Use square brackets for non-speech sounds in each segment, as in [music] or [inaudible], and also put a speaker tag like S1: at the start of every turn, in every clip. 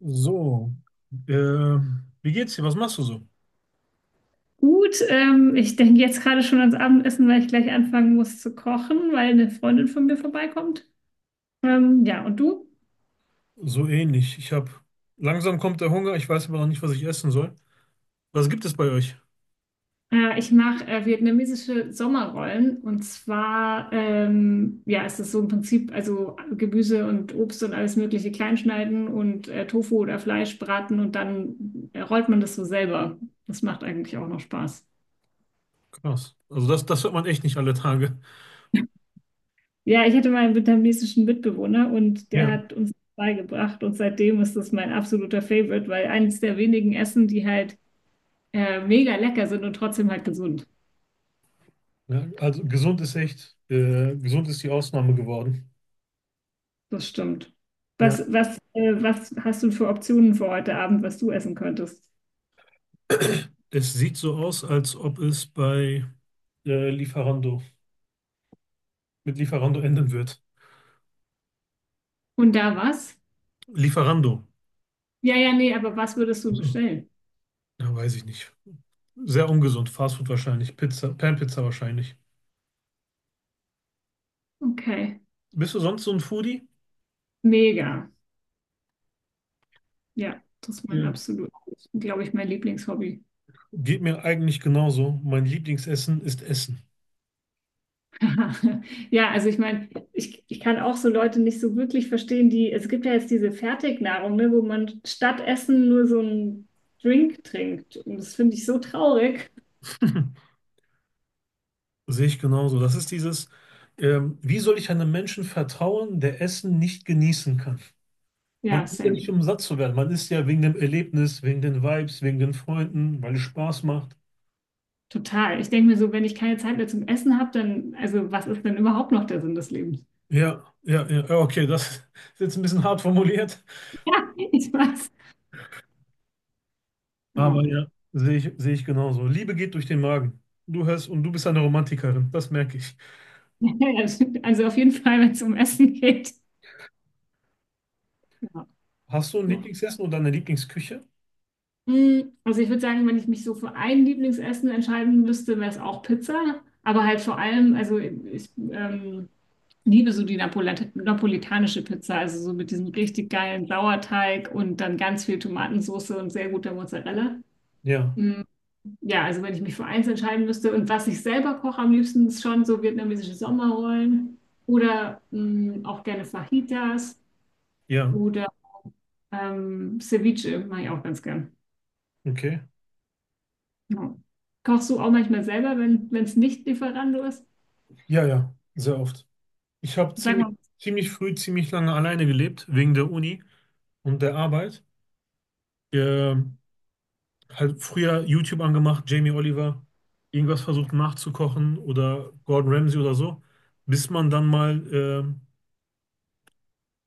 S1: So, wie geht's dir? Was machst du so?
S2: Gut, ich denke jetzt gerade schon ans Abendessen, weil ich gleich anfangen muss zu kochen, weil eine Freundin von mir vorbeikommt. Ja, und du?
S1: So ähnlich. Ich habe Langsam kommt der Hunger. Ich weiß aber noch nicht, was ich essen soll. Was gibt es bei euch?
S2: Ich mache vietnamesische Sommerrollen, und zwar ja, ist es so im Prinzip, also Gemüse und Obst und alles Mögliche kleinschneiden und Tofu oder Fleisch braten und dann rollt man das so selber. Das macht eigentlich auch noch Spaß.
S1: Krass. Also das hört man echt nicht alle Tage.
S2: Ja, ich hatte mal einen vietnamesischen Mitbewohner und der
S1: Ja,
S2: hat uns beigebracht, und seitdem ist das mein absoluter Favorite, weil eines der wenigen Essen, die halt mega lecker sind und trotzdem halt gesund.
S1: ja, also gesund ist echt, gesund ist die Ausnahme geworden.
S2: Das stimmt.
S1: Ja.
S2: Was hast du für Optionen für heute Abend, was du essen könntest?
S1: Es sieht so aus, als ob es bei äh, Lieferando Lieferando enden wird.
S2: Und da was?
S1: Lieferando.
S2: Ja, ja, nee, aber was würdest du
S1: So.
S2: bestellen?
S1: Ja, weiß ich nicht. Sehr ungesund. Fastfood wahrscheinlich. Pizza, Pan-Pizza wahrscheinlich.
S2: Okay.
S1: Bist du sonst so ein Foodie?
S2: Mega. Ja, das ist mein
S1: Ja.
S2: absolut, glaube ich, mein Lieblingshobby.
S1: Geht mir eigentlich genauso. Mein Lieblingsessen ist Essen.
S2: [laughs] Ja, also ich meine, ich kann auch so Leute nicht so wirklich verstehen, die, es gibt ja jetzt diese Fertignahrung, ne, wo man statt Essen nur so einen Drink trinkt. Und das finde ich so traurig.
S1: Sehe ich genauso. Wie soll ich einem Menschen vertrauen, der Essen nicht genießen kann? Man
S2: Ja,
S1: ist ja
S2: same.
S1: nicht, um satt zu werden. Man ist ja wegen dem Erlebnis, wegen den Vibes, wegen den Freunden, weil es Spaß macht.
S2: Total. Ich denke mir so, wenn ich keine Zeit mehr zum Essen habe, dann, also was ist denn überhaupt noch der Sinn des Lebens? [laughs]
S1: Ja, ja, ja. Ja, okay, das ist jetzt ein bisschen hart formuliert,
S2: Ja, ich weiß.
S1: aber
S2: Ja.
S1: ja, sehe ich genauso. Liebe geht durch den Magen. Du hörst und du bist eine Romantikerin, das merke ich.
S2: [laughs] Also auf jeden Fall, wenn es um Essen geht. Ja,
S1: Hast du ein
S2: doch.
S1: Lieblingsessen oder eine Lieblingsküche?
S2: Mm, also ich würde sagen, wenn ich mich so für ein Lieblingsessen entscheiden müsste, wäre es auch Pizza. Aber halt vor allem, also ich liebe so die Napolet napolitanische Pizza, also so mit diesem richtig geilen Sauerteig und dann ganz viel Tomatensauce und sehr guter Mozzarella.
S1: Ja,
S2: Mm, ja, also wenn ich mich für eins entscheiden müsste und was ich selber koche am liebsten, ist schon so vietnamesische Sommerrollen oder mm, auch gerne Fajitas
S1: ja,
S2: oder Ceviche mache ich auch ganz gern.
S1: okay.
S2: Ja. Kochst du auch manchmal selber, wenn es nicht Lieferando ist?
S1: Ja, ja, sehr oft. Ich habe
S2: Sag
S1: ziemlich,
S2: mal,
S1: Ziemlich früh, ziemlich lange alleine gelebt, wegen der Uni und der Arbeit. Ähm, halt früher YouTube angemacht, Jamie Oliver, irgendwas versucht nachzukochen oder Gordon Ramsay oder so, bis man dann mal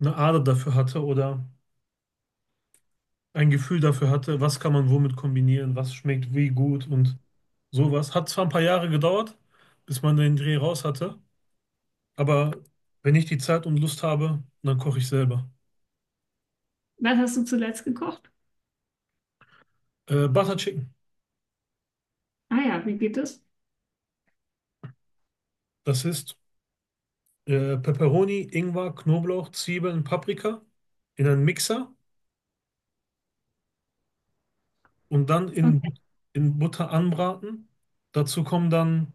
S1: eine Ader dafür hatte oder ein Gefühl dafür hatte, was kann man womit kombinieren, was schmeckt wie gut und sowas. Hat zwar ein paar Jahre gedauert, bis man den Dreh raus hatte, aber wenn ich die Zeit und Lust habe, dann koche ich selber.
S2: was hast du zuletzt gekocht?
S1: Butter Chicken.
S2: Ah ja, wie geht es?
S1: Das ist Peperoni, Ingwer, Knoblauch, Zwiebeln, Paprika in einen Mixer und dann
S2: Okay,
S1: in, in Butter anbraten. Dazu kommen dann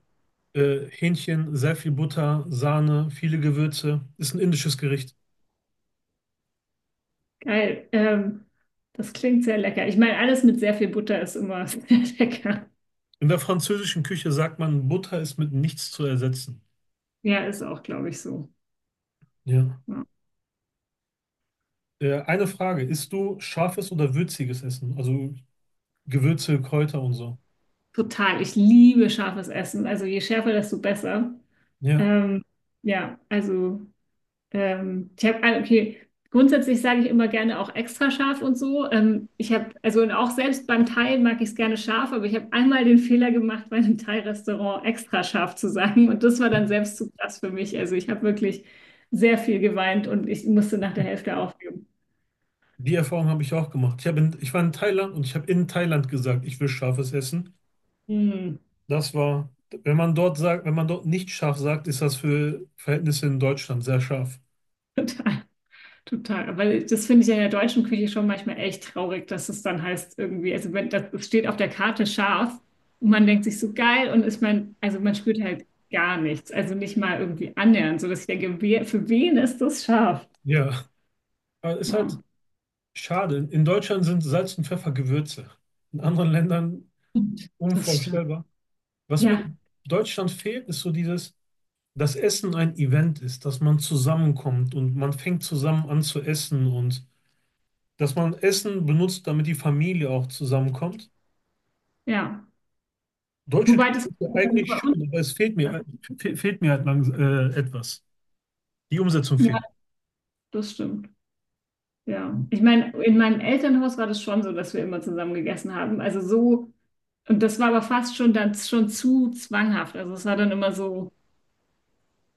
S1: Hähnchen, sehr viel Butter, Sahne, viele Gewürze. Ist ein indisches Gericht.
S2: geil. Das klingt sehr lecker. Ich meine, alles mit sehr viel Butter ist immer [laughs] sehr lecker.
S1: In der französischen Küche sagt man, Butter ist mit nichts zu ersetzen.
S2: Ja, ist auch, glaube ich, so.
S1: Ja.
S2: Ja.
S1: Eine Frage, isst du scharfes oder würziges Essen? Also Gewürze, Kräuter und so.
S2: Total. Ich liebe scharfes Essen. Also je schärfer, desto besser.
S1: Ja.
S2: Ähm, ja, also. Ich habe, okay, grundsätzlich sage ich immer gerne auch extra scharf und so. Ich habe, also und auch selbst beim Thai mag ich es gerne scharf, aber ich habe einmal den Fehler gemacht, bei einem Thai-Restaurant extra scharf zu sagen. Und das war dann selbst zu krass für mich. Also ich habe wirklich sehr viel geweint und ich musste nach der Hälfte aufgeben.
S1: Die Erfahrung habe ich auch gemacht. Ich war in Thailand und ich habe in Thailand gesagt, ich will scharfes Essen.
S2: Hm,
S1: Das war, wenn man dort nicht scharf sagt, ist das für Verhältnisse in Deutschland sehr scharf.
S2: [laughs] total. Total, weil das finde ich ja in der deutschen Küche schon manchmal echt traurig, dass es dann heißt irgendwie, also wenn das, das steht auf der Karte scharf und man denkt sich so geil und ist man, also man spürt halt gar nichts, also nicht mal irgendwie annähernd, so dass ich denke, wer, für wen ist das scharf?
S1: Ja, aber ist halt
S2: Ja,
S1: schade. In Deutschland sind Salz und Pfeffer Gewürze. In anderen Ländern
S2: stimmt, das stimmt.
S1: unvorstellbar. Was mir
S2: Ja,
S1: in Deutschland fehlt, ist so dieses, dass Essen ein Event ist, dass man zusammenkommt und man fängt zusammen an zu essen und dass man Essen benutzt, damit die Familie auch zusammenkommt.
S2: ja.
S1: Deutsche
S2: Wobei
S1: Kirche
S2: das
S1: ist ja
S2: bei uns,
S1: eigentlich schön, aber es fehlt mir, fehlt mir halt langsam etwas. Die Umsetzung
S2: ja,
S1: fehlt.
S2: das stimmt. Ja, ich meine, in meinem Elternhaus war das schon so, dass wir immer zusammen gegessen haben. Also so, und das war aber fast schon dann schon zu zwanghaft. Also es war dann immer so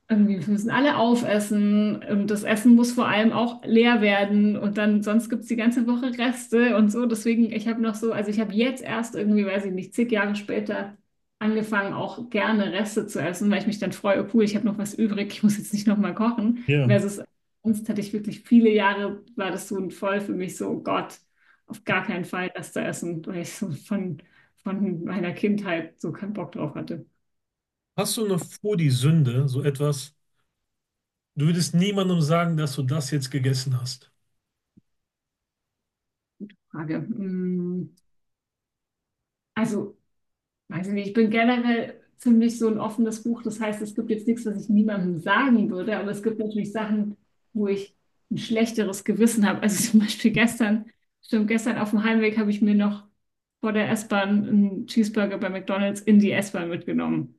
S2: irgendwie, wir müssen alle aufessen und das Essen muss vor allem auch leer werden und dann sonst gibt es die ganze Woche Reste und so. Deswegen, ich habe noch so, also ich habe jetzt erst irgendwie, weiß ich nicht, zig Jahre später angefangen, auch gerne Reste zu essen, weil ich mich dann freue, oh cool, ich habe noch was übrig, ich muss jetzt nicht nochmal kochen.
S1: Ja.
S2: Versus sonst hatte ich wirklich viele Jahre, war das so ein voll für mich so, oh Gott, auf gar keinen Fall Reste essen, weil ich so von meiner Kindheit so keinen Bock drauf hatte.
S1: Hast du noch vor die Sünde so etwas? Du würdest niemandem sagen, dass du das jetzt gegessen hast.
S2: Frage. Mm, also weiß ich nicht, ich bin generell ziemlich so ein offenes Buch. Das heißt, es gibt jetzt nichts, was ich niemandem sagen würde, aber es gibt natürlich Sachen, wo ich ein schlechteres Gewissen habe. Also [laughs] zum Beispiel gestern, stimmt, gestern auf dem Heimweg habe ich mir noch vor der S-Bahn einen Cheeseburger bei McDonald's in die S-Bahn mitgenommen.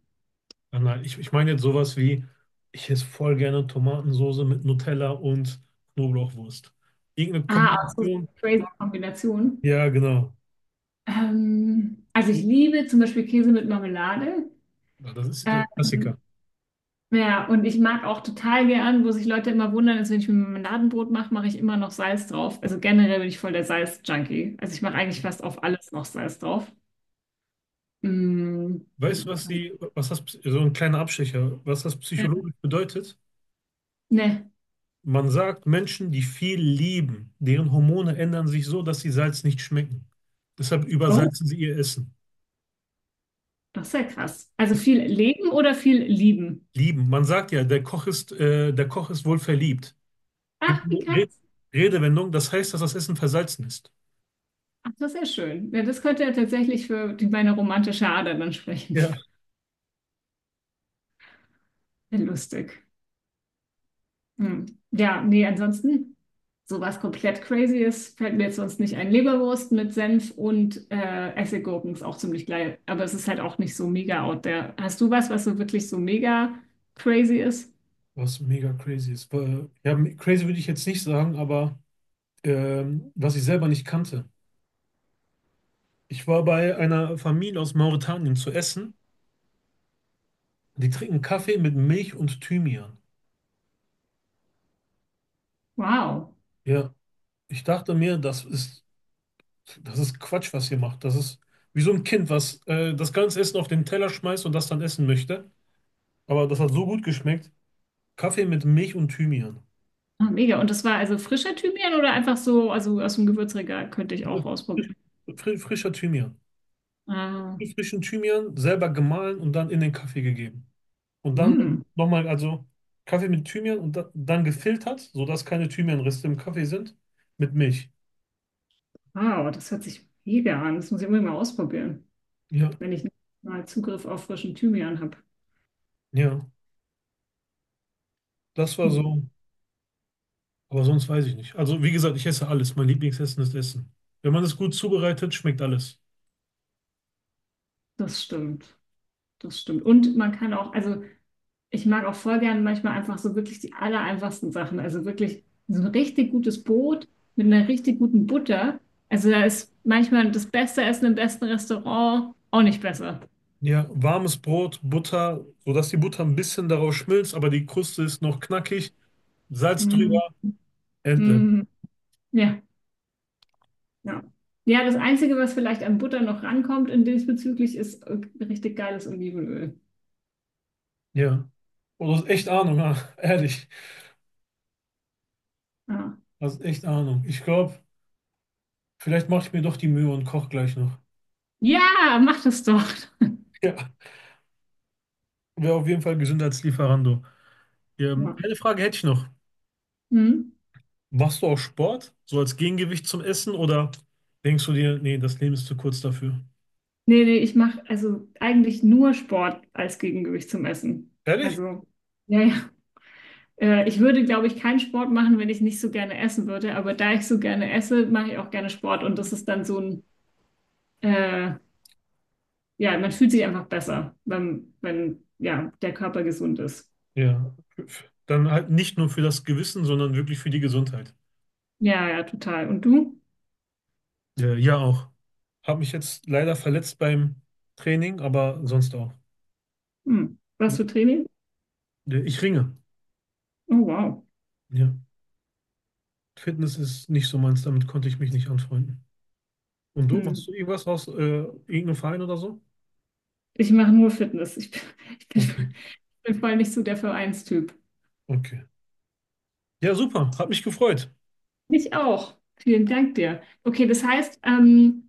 S1: Nein, nein, ich meine jetzt sowas wie, ich esse voll gerne Tomatensoße mit Nutella und Knoblauchwurst. Irgendeine
S2: Ah, also so eine
S1: Kombination.
S2: crazy Kombination.
S1: Ja, genau.
S2: Also ich liebe zum Beispiel Käse mit Marmelade.
S1: Ja, das ist der
S2: Ähm,
S1: Klassiker.
S2: Ja, und ich mag auch total gern, wo sich Leute immer wundern, ist, wenn ich mir Marmeladenbrot mache, mache ich immer noch Salz drauf. Also generell bin ich voll der Salz-Junkie. Also ich mache eigentlich fast auf alles noch Salz drauf. Mm, und
S1: Weißt du, was
S2: ansonsten-
S1: die, was das, so ein kleiner Abstecher, was das
S2: ja.
S1: psychologisch bedeutet?
S2: Ne.
S1: Man sagt, Menschen, die viel lieben, deren Hormone ändern sich so, dass sie Salz nicht schmecken. Deshalb
S2: Oh,
S1: übersalzen sie ihr Essen.
S2: das ist ja krass. Also viel leben oder viel lieben?
S1: Lieben. Man sagt ja, der Koch ist wohl verliebt. Gibt
S2: Ach,
S1: eine
S2: wie krass.
S1: Re Redewendung, das heißt, dass das Essen versalzen ist.
S2: Ach, das ist ja schön. Ja, das könnte ja tatsächlich für die, meine romantische Ader dann sprechen.
S1: Ja.
S2: [laughs] Ja, lustig. Hm. Ja, nee, ansonsten, sowas komplett crazy ist, fällt mir jetzt sonst nicht ein. Leberwurst mit Senf und Essiggurken ist auch ziemlich geil, aber es ist halt auch nicht so mega out there. Hast du was, was so wirklich so mega crazy ist?
S1: Was mega crazy ist. Ja, crazy würde ich jetzt nicht sagen, aber was ich selber nicht kannte. Ich war bei einer Familie aus Mauretanien zu essen. Die trinken Kaffee mit Milch und Thymian.
S2: Wow,
S1: Ja, ich dachte mir, das ist Quatsch, was ihr macht. Das ist wie so ein Kind, was das ganze Essen auf den Teller schmeißt und das dann essen möchte. Aber das hat so gut geschmeckt. Kaffee mit Milch und Thymian.
S2: ah, mega. Und das war also frischer Thymian oder einfach so, also aus dem Gewürzregal könnte ich
S1: Frisch,
S2: auch ausprobieren.
S1: frischer Thymian.
S2: Ah,
S1: Frischen Thymian selber gemahlen und dann in den Kaffee gegeben. Und dann
S2: hm.
S1: nochmal, also Kaffee mit Thymian und dann gefiltert, sodass keine Thymianreste im Kaffee sind, mit Milch.
S2: Wow, das hört sich mega an. Das muss ich unbedingt mal ausprobieren,
S1: Ja,
S2: wenn ich mal Zugriff auf frischen Thymian habe.
S1: ja, das war
S2: Hm.
S1: so. Aber sonst weiß ich nicht. Also, wie gesagt, ich esse alles. Mein Lieblingsessen ist Essen. Wenn man es gut zubereitet, schmeckt alles.
S2: Das stimmt. Das stimmt. Und man kann auch, also ich mag auch voll gern manchmal einfach so wirklich die aller einfachsten Sachen. Also wirklich so ein richtig gutes Brot mit einer richtig guten Butter. Also da ist manchmal das beste Essen im besten Restaurant auch nicht besser.
S1: Ja, warmes Brot, Butter, sodass die Butter ein bisschen darauf schmilzt, aber die Kruste ist noch knackig. Salz
S2: Mm,
S1: drüber, entle.
S2: mm, ja, ja. Ja, das Einzige, was vielleicht an Butter noch rankommt in diesbezüglich, ist richtig geiles Olivenöl.
S1: Ja. Und du hast echt Ahnung, ah, [laughs] ehrlich.
S2: Ja,
S1: Du hast echt Ahnung. Ich glaube, vielleicht mache ich mir doch die Mühe und koche gleich noch.
S2: ja, mach das doch.
S1: [laughs] Ja, wäre auf jeden Fall gesünder als Lieferando.
S2: Ja.
S1: Eine Frage hätte ich noch.
S2: Mm.
S1: Machst du auch Sport, so als Gegengewicht zum Essen, oder denkst du dir, nee, das Leben ist zu kurz dafür?
S2: Nee, nee, ich mache also eigentlich nur Sport als Gegengewicht zum Essen.
S1: Ehrlich?
S2: Also, ja, ja. Ich würde, glaube ich, keinen Sport machen, wenn ich nicht so gerne essen würde. Aber da ich so gerne esse, mache ich auch gerne Sport. Und das ist dann so ein, äh, ja, man fühlt sich einfach besser, wenn, wenn, ja, der Körper gesund ist.
S1: Ja. Dann halt nicht nur für das Gewissen, sondern wirklich für die Gesundheit.
S2: Ja, ja, total. Und du?
S1: Ja, auch. Habe mich jetzt leider verletzt beim Training, aber sonst auch.
S2: Hm. Was
S1: Also,
S2: für Training?
S1: ich ringe.
S2: Oh, wow.
S1: Ja. Fitness ist nicht so meins, damit konnte ich mich nicht anfreunden. Und du, machst
S2: Hm.
S1: du irgendwas aus irgendeinem Verein oder so?
S2: Ich mache nur Fitness. Ich bin, [laughs] ich bin,
S1: Okay,
S2: ich bin voll nicht so der Vereinstyp.
S1: okay. Ja, super. Hat mich gefreut.
S2: Mich auch. Vielen Dank dir. Okay, das heißt,